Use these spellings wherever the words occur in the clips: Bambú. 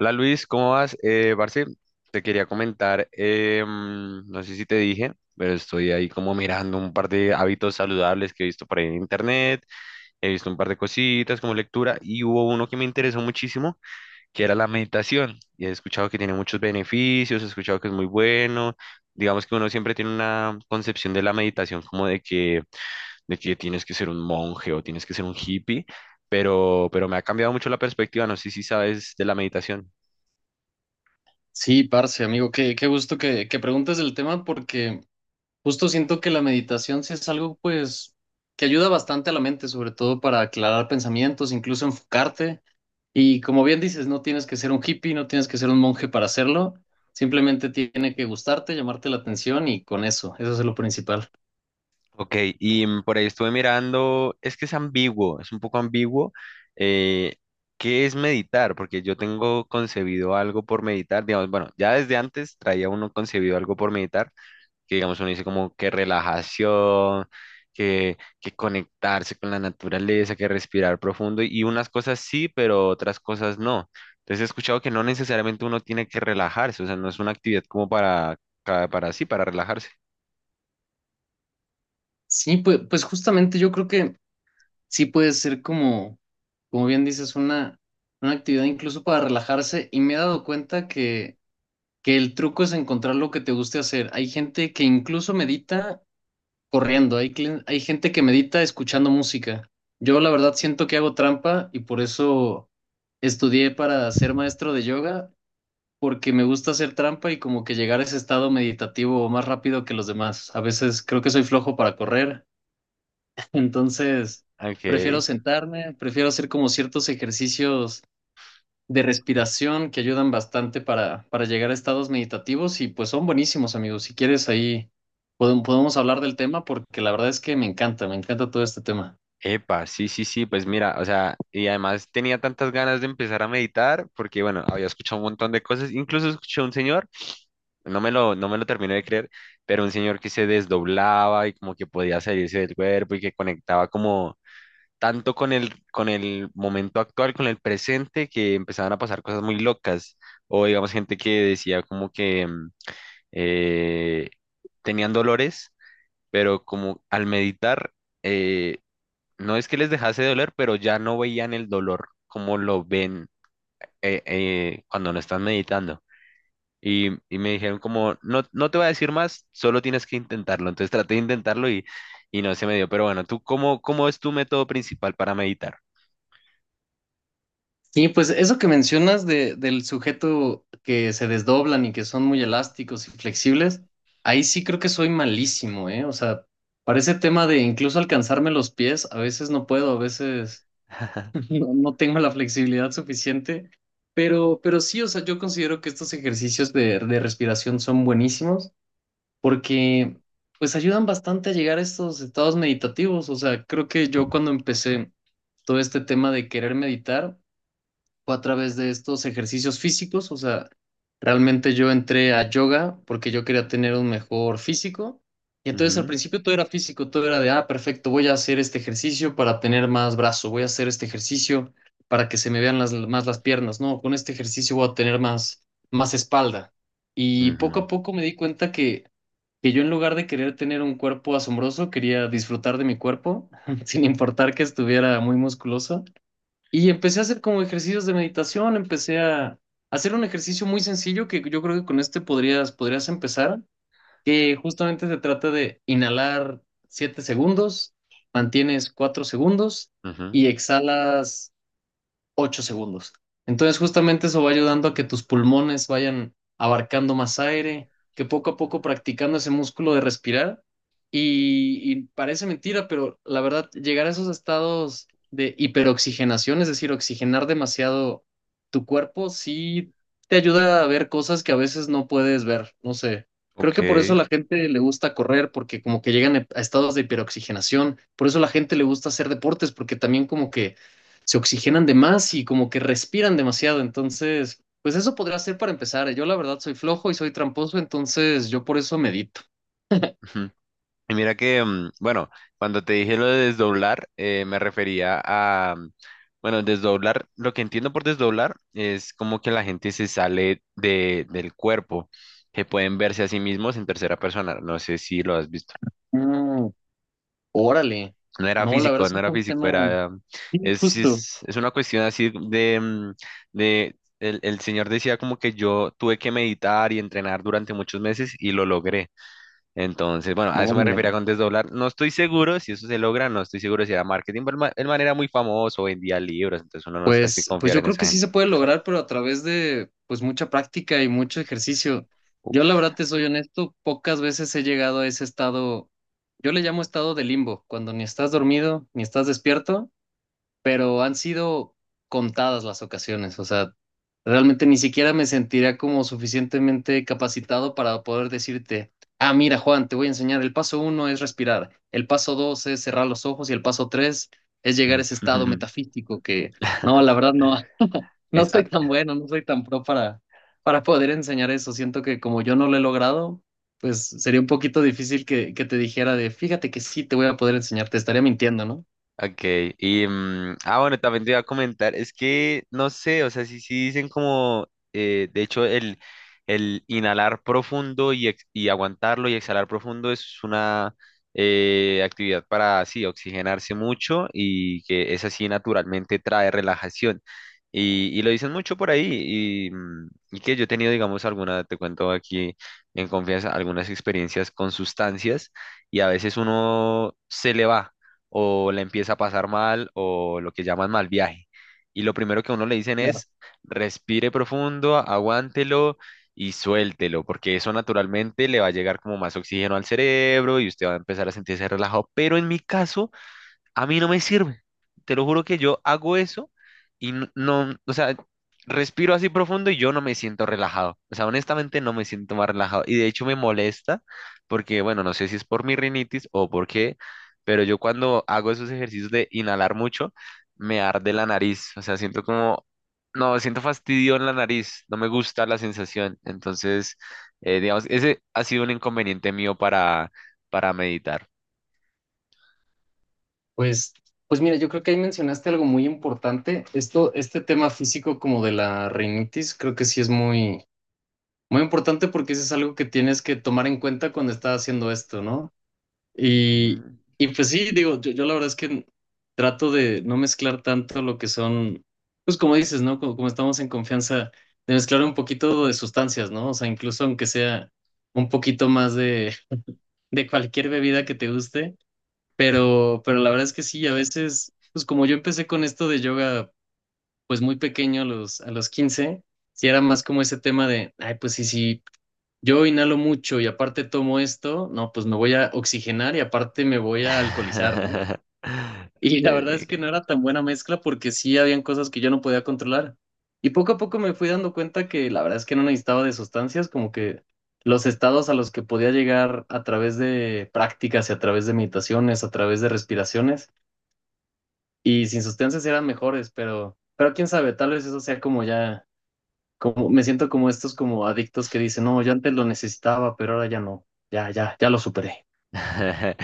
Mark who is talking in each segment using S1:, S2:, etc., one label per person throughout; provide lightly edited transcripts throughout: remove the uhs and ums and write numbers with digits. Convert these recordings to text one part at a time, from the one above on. S1: Hola Luis, ¿cómo vas? Parce, te quería comentar, no sé si te dije, pero estoy ahí como mirando un par de hábitos saludables que he visto por ahí en internet. He visto un par de cositas como lectura y hubo uno que me interesó muchísimo, que era la meditación. Y he escuchado que tiene muchos beneficios, he escuchado que es muy bueno. Digamos que uno siempre tiene una concepción de la meditación como de que tienes que ser un monje o tienes que ser un hippie, pero me ha cambiado mucho la perspectiva, no sé si sabes de la meditación.
S2: Sí, parce, amigo, qué gusto que preguntes el tema porque justo siento que la meditación sí es algo pues que ayuda bastante a la mente, sobre todo para aclarar pensamientos, incluso enfocarte. Y como bien dices, no tienes que ser un hippie, no tienes que ser un monje para hacerlo, simplemente tiene que gustarte, llamarte la atención y con eso, eso es lo principal.
S1: Ok, y por ahí estuve mirando, es que es ambiguo, es un poco ambiguo. eh, ¿Qué es meditar? Porque yo tengo concebido algo por meditar, digamos, bueno, ya desde antes traía uno concebido algo por meditar, que digamos uno dice como que relajación, que conectarse con la naturaleza, que respirar profundo, y unas cosas sí, pero otras cosas no. Entonces he escuchado que no necesariamente uno tiene que relajarse, o sea, no es una actividad como para sí, para relajarse.
S2: Sí, pues justamente yo creo que sí puede ser como, como bien dices, una actividad incluso para relajarse y me he dado cuenta que el truco es encontrar lo que te guste hacer. Hay gente que incluso medita corriendo, hay gente que medita escuchando música. Yo la verdad siento que hago trampa y por eso estudié para ser maestro de yoga, porque me gusta hacer trampa y como que llegar a ese estado meditativo más rápido que los demás. A veces creo que soy flojo para correr, entonces prefiero
S1: Ok.
S2: sentarme, prefiero hacer como ciertos ejercicios de respiración que ayudan bastante para llegar a estados meditativos y pues son buenísimos, amigos. Si quieres ahí podemos hablar del tema porque la verdad es que me encanta todo este tema.
S1: Epa, sí, sí, sí, pues mira, o sea, y además tenía tantas ganas de empezar a meditar porque, bueno, había escuchado un montón de cosas, incluso escuché a un señor, no me lo terminé de creer, pero un señor que se desdoblaba y como que podía salirse del cuerpo y que conectaba como tanto con el momento actual, con el presente, que empezaban a pasar cosas muy locas, o digamos gente que decía como que eh, tenían dolores, pero como al meditar... eh, no es que les dejase de doler, pero ya no veían el dolor como lo ven cuando no están meditando. Y me dijeron como, no, no te voy a decir más, solo tienes que intentarlo. Entonces traté de intentarlo y no se me dio. Pero bueno, ¿tú cómo es tu método principal para meditar?
S2: Sí pues eso que mencionas del sujeto que se desdoblan y que son muy elásticos y flexibles, ahí sí creo que soy malísimo, ¿eh? O sea, para ese tema de incluso alcanzarme los pies, a veces no puedo, a veces... No, no tengo la flexibilidad suficiente, pero sí, o sea, yo considero que estos ejercicios de respiración son buenísimos porque pues ayudan bastante a llegar a estos estados meditativos. O sea, creo que yo cuando empecé todo este tema de querer meditar, fue a través de estos ejercicios físicos, o sea, realmente yo entré a yoga porque yo quería tener un mejor físico. Y entonces al
S1: Ujú,
S2: principio todo era físico, todo era de, ah, perfecto, voy a hacer este ejercicio para tener más brazo, voy a hacer este ejercicio para que se me vean las, más las piernas, no, con este ejercicio voy a tener más, más espalda. Y poco a
S1: ujú,
S2: poco me di cuenta que yo en lugar de querer tener un cuerpo asombroso, quería disfrutar de mi cuerpo, sin importar que estuviera muy musculoso. Y empecé a hacer como ejercicios de meditación, empecé a hacer un ejercicio muy sencillo que yo creo que con este podrías empezar, que justamente se trata de inhalar 7 segundos, mantienes 4 segundos y
S1: ujú.
S2: exhalas 8 segundos. Entonces, justamente eso va ayudando a que tus pulmones vayan abarcando más aire, que poco a poco practicando ese músculo de respirar. Y parece mentira, pero la verdad, llegar a esos estados de hiperoxigenación, es decir, oxigenar demasiado tu cuerpo, sí te ayuda a ver cosas que a veces no puedes ver. No sé. Creo
S1: Ok.
S2: que por eso a la gente le gusta correr, porque como que llegan a estados de hiperoxigenación. Por eso a la gente le gusta hacer deportes, porque también como que se oxigenan de más y como que respiran demasiado. Entonces, pues eso podría ser para empezar. Yo la verdad soy flojo y soy tramposo, entonces yo por eso medito.
S1: Y mira que, bueno, cuando te dije lo de desdoblar, me refería a, bueno, desdoblar, lo que entiendo por desdoblar es como que la gente se sale de, del cuerpo, que pueden verse a sí mismos en tercera persona, no sé si lo has visto.
S2: Mm, órale.
S1: No era
S2: No, la verdad
S1: físico,
S2: es
S1: no
S2: que es
S1: era
S2: un
S1: físico,
S2: tema
S1: era,
S2: sí, justo.
S1: es una cuestión así de, de, el señor decía como que yo tuve que meditar y entrenar durante muchos meses y lo logré. Entonces, bueno, a eso me
S2: Órale.
S1: refería con desdoblar. No estoy seguro si eso se logra, no estoy seguro si era marketing, pero el man era muy famoso, vendía libros, entonces uno no sabe si
S2: Pues
S1: confiar
S2: yo
S1: en
S2: creo que
S1: esa
S2: sí
S1: gente.
S2: se puede lograr, pero a través de pues mucha práctica y mucho ejercicio. Yo la
S1: Uf.
S2: verdad te soy honesto, pocas veces he llegado a ese estado, yo le llamo estado de limbo, cuando ni estás dormido ni estás despierto pero han sido contadas las ocasiones, o sea, realmente ni siquiera me sentiría como suficientemente capacitado para poder decirte, ah, mira, Juan, te voy a enseñar, el paso uno es respirar, el paso dos es cerrar los ojos y el paso tres es llegar a ese estado metafísico que, no, la verdad no, no
S1: Es,
S2: soy
S1: ah,
S2: tan bueno, no soy tan pro para poder enseñar eso. Siento que como yo no lo he logrado, pues sería un poquito difícil que te dijera de, fíjate que sí te voy a poder enseñar, te estaría mintiendo, ¿no?
S1: ok, y ah bueno, también te iba a comentar, es que no sé, o sea, sí, sí dicen como, de hecho, el inhalar profundo y, y aguantarlo y exhalar profundo es una actividad para, sí, oxigenarse mucho y que es así naturalmente trae relajación. Y lo dicen mucho por ahí y que yo he tenido, digamos, alguna, te cuento aquí en confianza, algunas experiencias con sustancias y a veces uno se le va o la empieza a pasar mal o lo que llaman mal viaje. Y lo primero que a uno le dicen es, respire profundo, aguántelo y suéltelo, porque eso naturalmente le va a llegar como más oxígeno al cerebro y usted va a empezar a sentirse relajado. Pero en mi caso, a mí no me sirve. Te lo juro que yo hago eso y no, o sea, respiro así profundo y yo no me siento relajado. O sea, honestamente no me siento más relajado. Y de hecho me molesta porque, bueno, no sé si es por mi rinitis o por qué, pero yo cuando hago esos ejercicios de inhalar mucho, me arde la nariz. O sea, siento como, no, siento fastidio en la nariz. No me gusta la sensación. Entonces, digamos, ese ha sido un inconveniente mío para meditar.
S2: Pues, pues mira, yo creo que ahí mencionaste algo muy importante. Esto, este tema físico como de la rinitis, creo que sí es muy, muy importante porque eso es algo que tienes que tomar en cuenta cuando estás haciendo esto, ¿no? Y,
S1: Ujú.
S2: y pues sí, digo, yo la verdad es que trato de no mezclar tanto lo que son, pues como dices, ¿no? Como, como estamos en confianza, de mezclar un poquito de sustancias, ¿no? O sea, incluso aunque sea un poquito más de cualquier bebida que te guste pero la verdad es que sí, a veces, pues como yo empecé con esto de yoga, pues muy pequeño, a los 15 sí era más como ese tema de, ay, pues sí, sí, yo inhalo mucho y aparte tomo esto, no, pues me voy a oxigenar y aparte me voy a alcoholizar, ¿no? Y la verdad es
S1: Eh,
S2: que no era tan buena mezcla porque sí habían cosas que yo no podía controlar. Y poco a poco me fui dando cuenta que la verdad es que no necesitaba de sustancias, como que los estados a los que podía llegar a través de prácticas y a través de meditaciones, a través de respiraciones y sin sustancias eran mejores, pero quién sabe, tal vez eso sea como ya, como me siento como estos como adictos que dicen, no, yo antes lo necesitaba, pero ahora ya no, ya, ya, ya lo superé.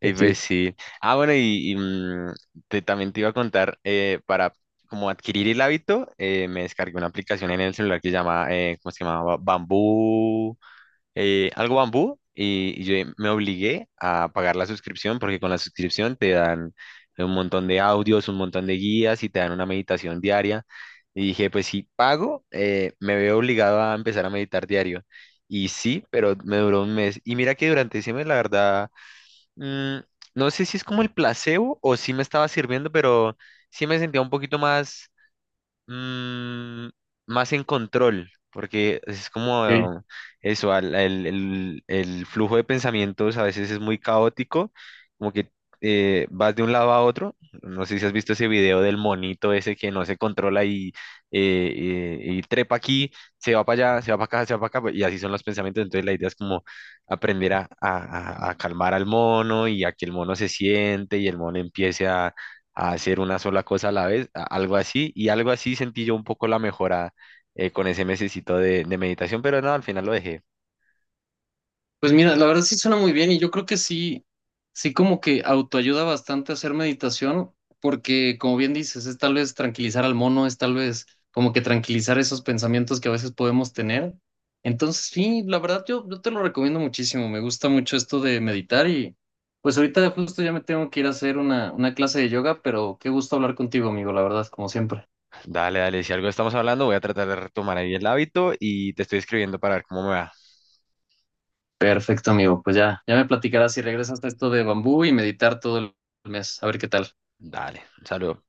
S1: Y pues
S2: Sí,
S1: sí. Ah, bueno, también te iba a contar, para como adquirir el hábito, me descargué una aplicación en el celular que se llama, ¿cómo se llamaba? Bambú. Algo bambú y yo me obligué a pagar la suscripción porque con la suscripción te dan un montón de audios, un montón de guías y te dan una meditación diaria. Y dije, pues si pago, me veo obligado a empezar a meditar diario. Y sí, pero me duró 1 mes. Y mira que durante ese mes, la verdad, mm, no sé si es como el placebo o si me estaba sirviendo, pero sí me sentía un poquito más. Mm, más en control, porque es
S2: sí.
S1: como eso, el flujo de pensamientos a veces es muy caótico, como que vas de un lado a otro. No sé si has visto ese video del monito ese que no se controla y trepa aquí, se va para allá, se va para acá, se va para acá, y así son los pensamientos. Entonces la idea es como aprender a calmar al mono y a que el mono se siente y el mono empiece a hacer una sola cosa a la vez, algo así, y algo así sentí yo un poco la mejora con ese mesecito de meditación, pero no, al final lo dejé.
S2: Pues mira, la verdad sí suena muy bien y yo creo que sí, sí como que autoayuda bastante a hacer meditación porque como bien dices, es tal vez tranquilizar al mono, es tal vez como que tranquilizar esos pensamientos que a veces podemos tener. Entonces sí, la verdad yo te lo recomiendo muchísimo, me gusta mucho esto de meditar y pues ahorita justo ya me tengo que ir a hacer una clase de yoga, pero qué gusto hablar contigo, amigo, la verdad, como siempre.
S1: Dale, dale, si algo estamos hablando, voy a tratar de retomar ahí el hábito y te estoy escribiendo para ver cómo me va.
S2: Perfecto, amigo, pues ya, ya me platicarás si regresas a esto de bambú y meditar todo el mes, a ver qué tal.
S1: Dale, un saludo.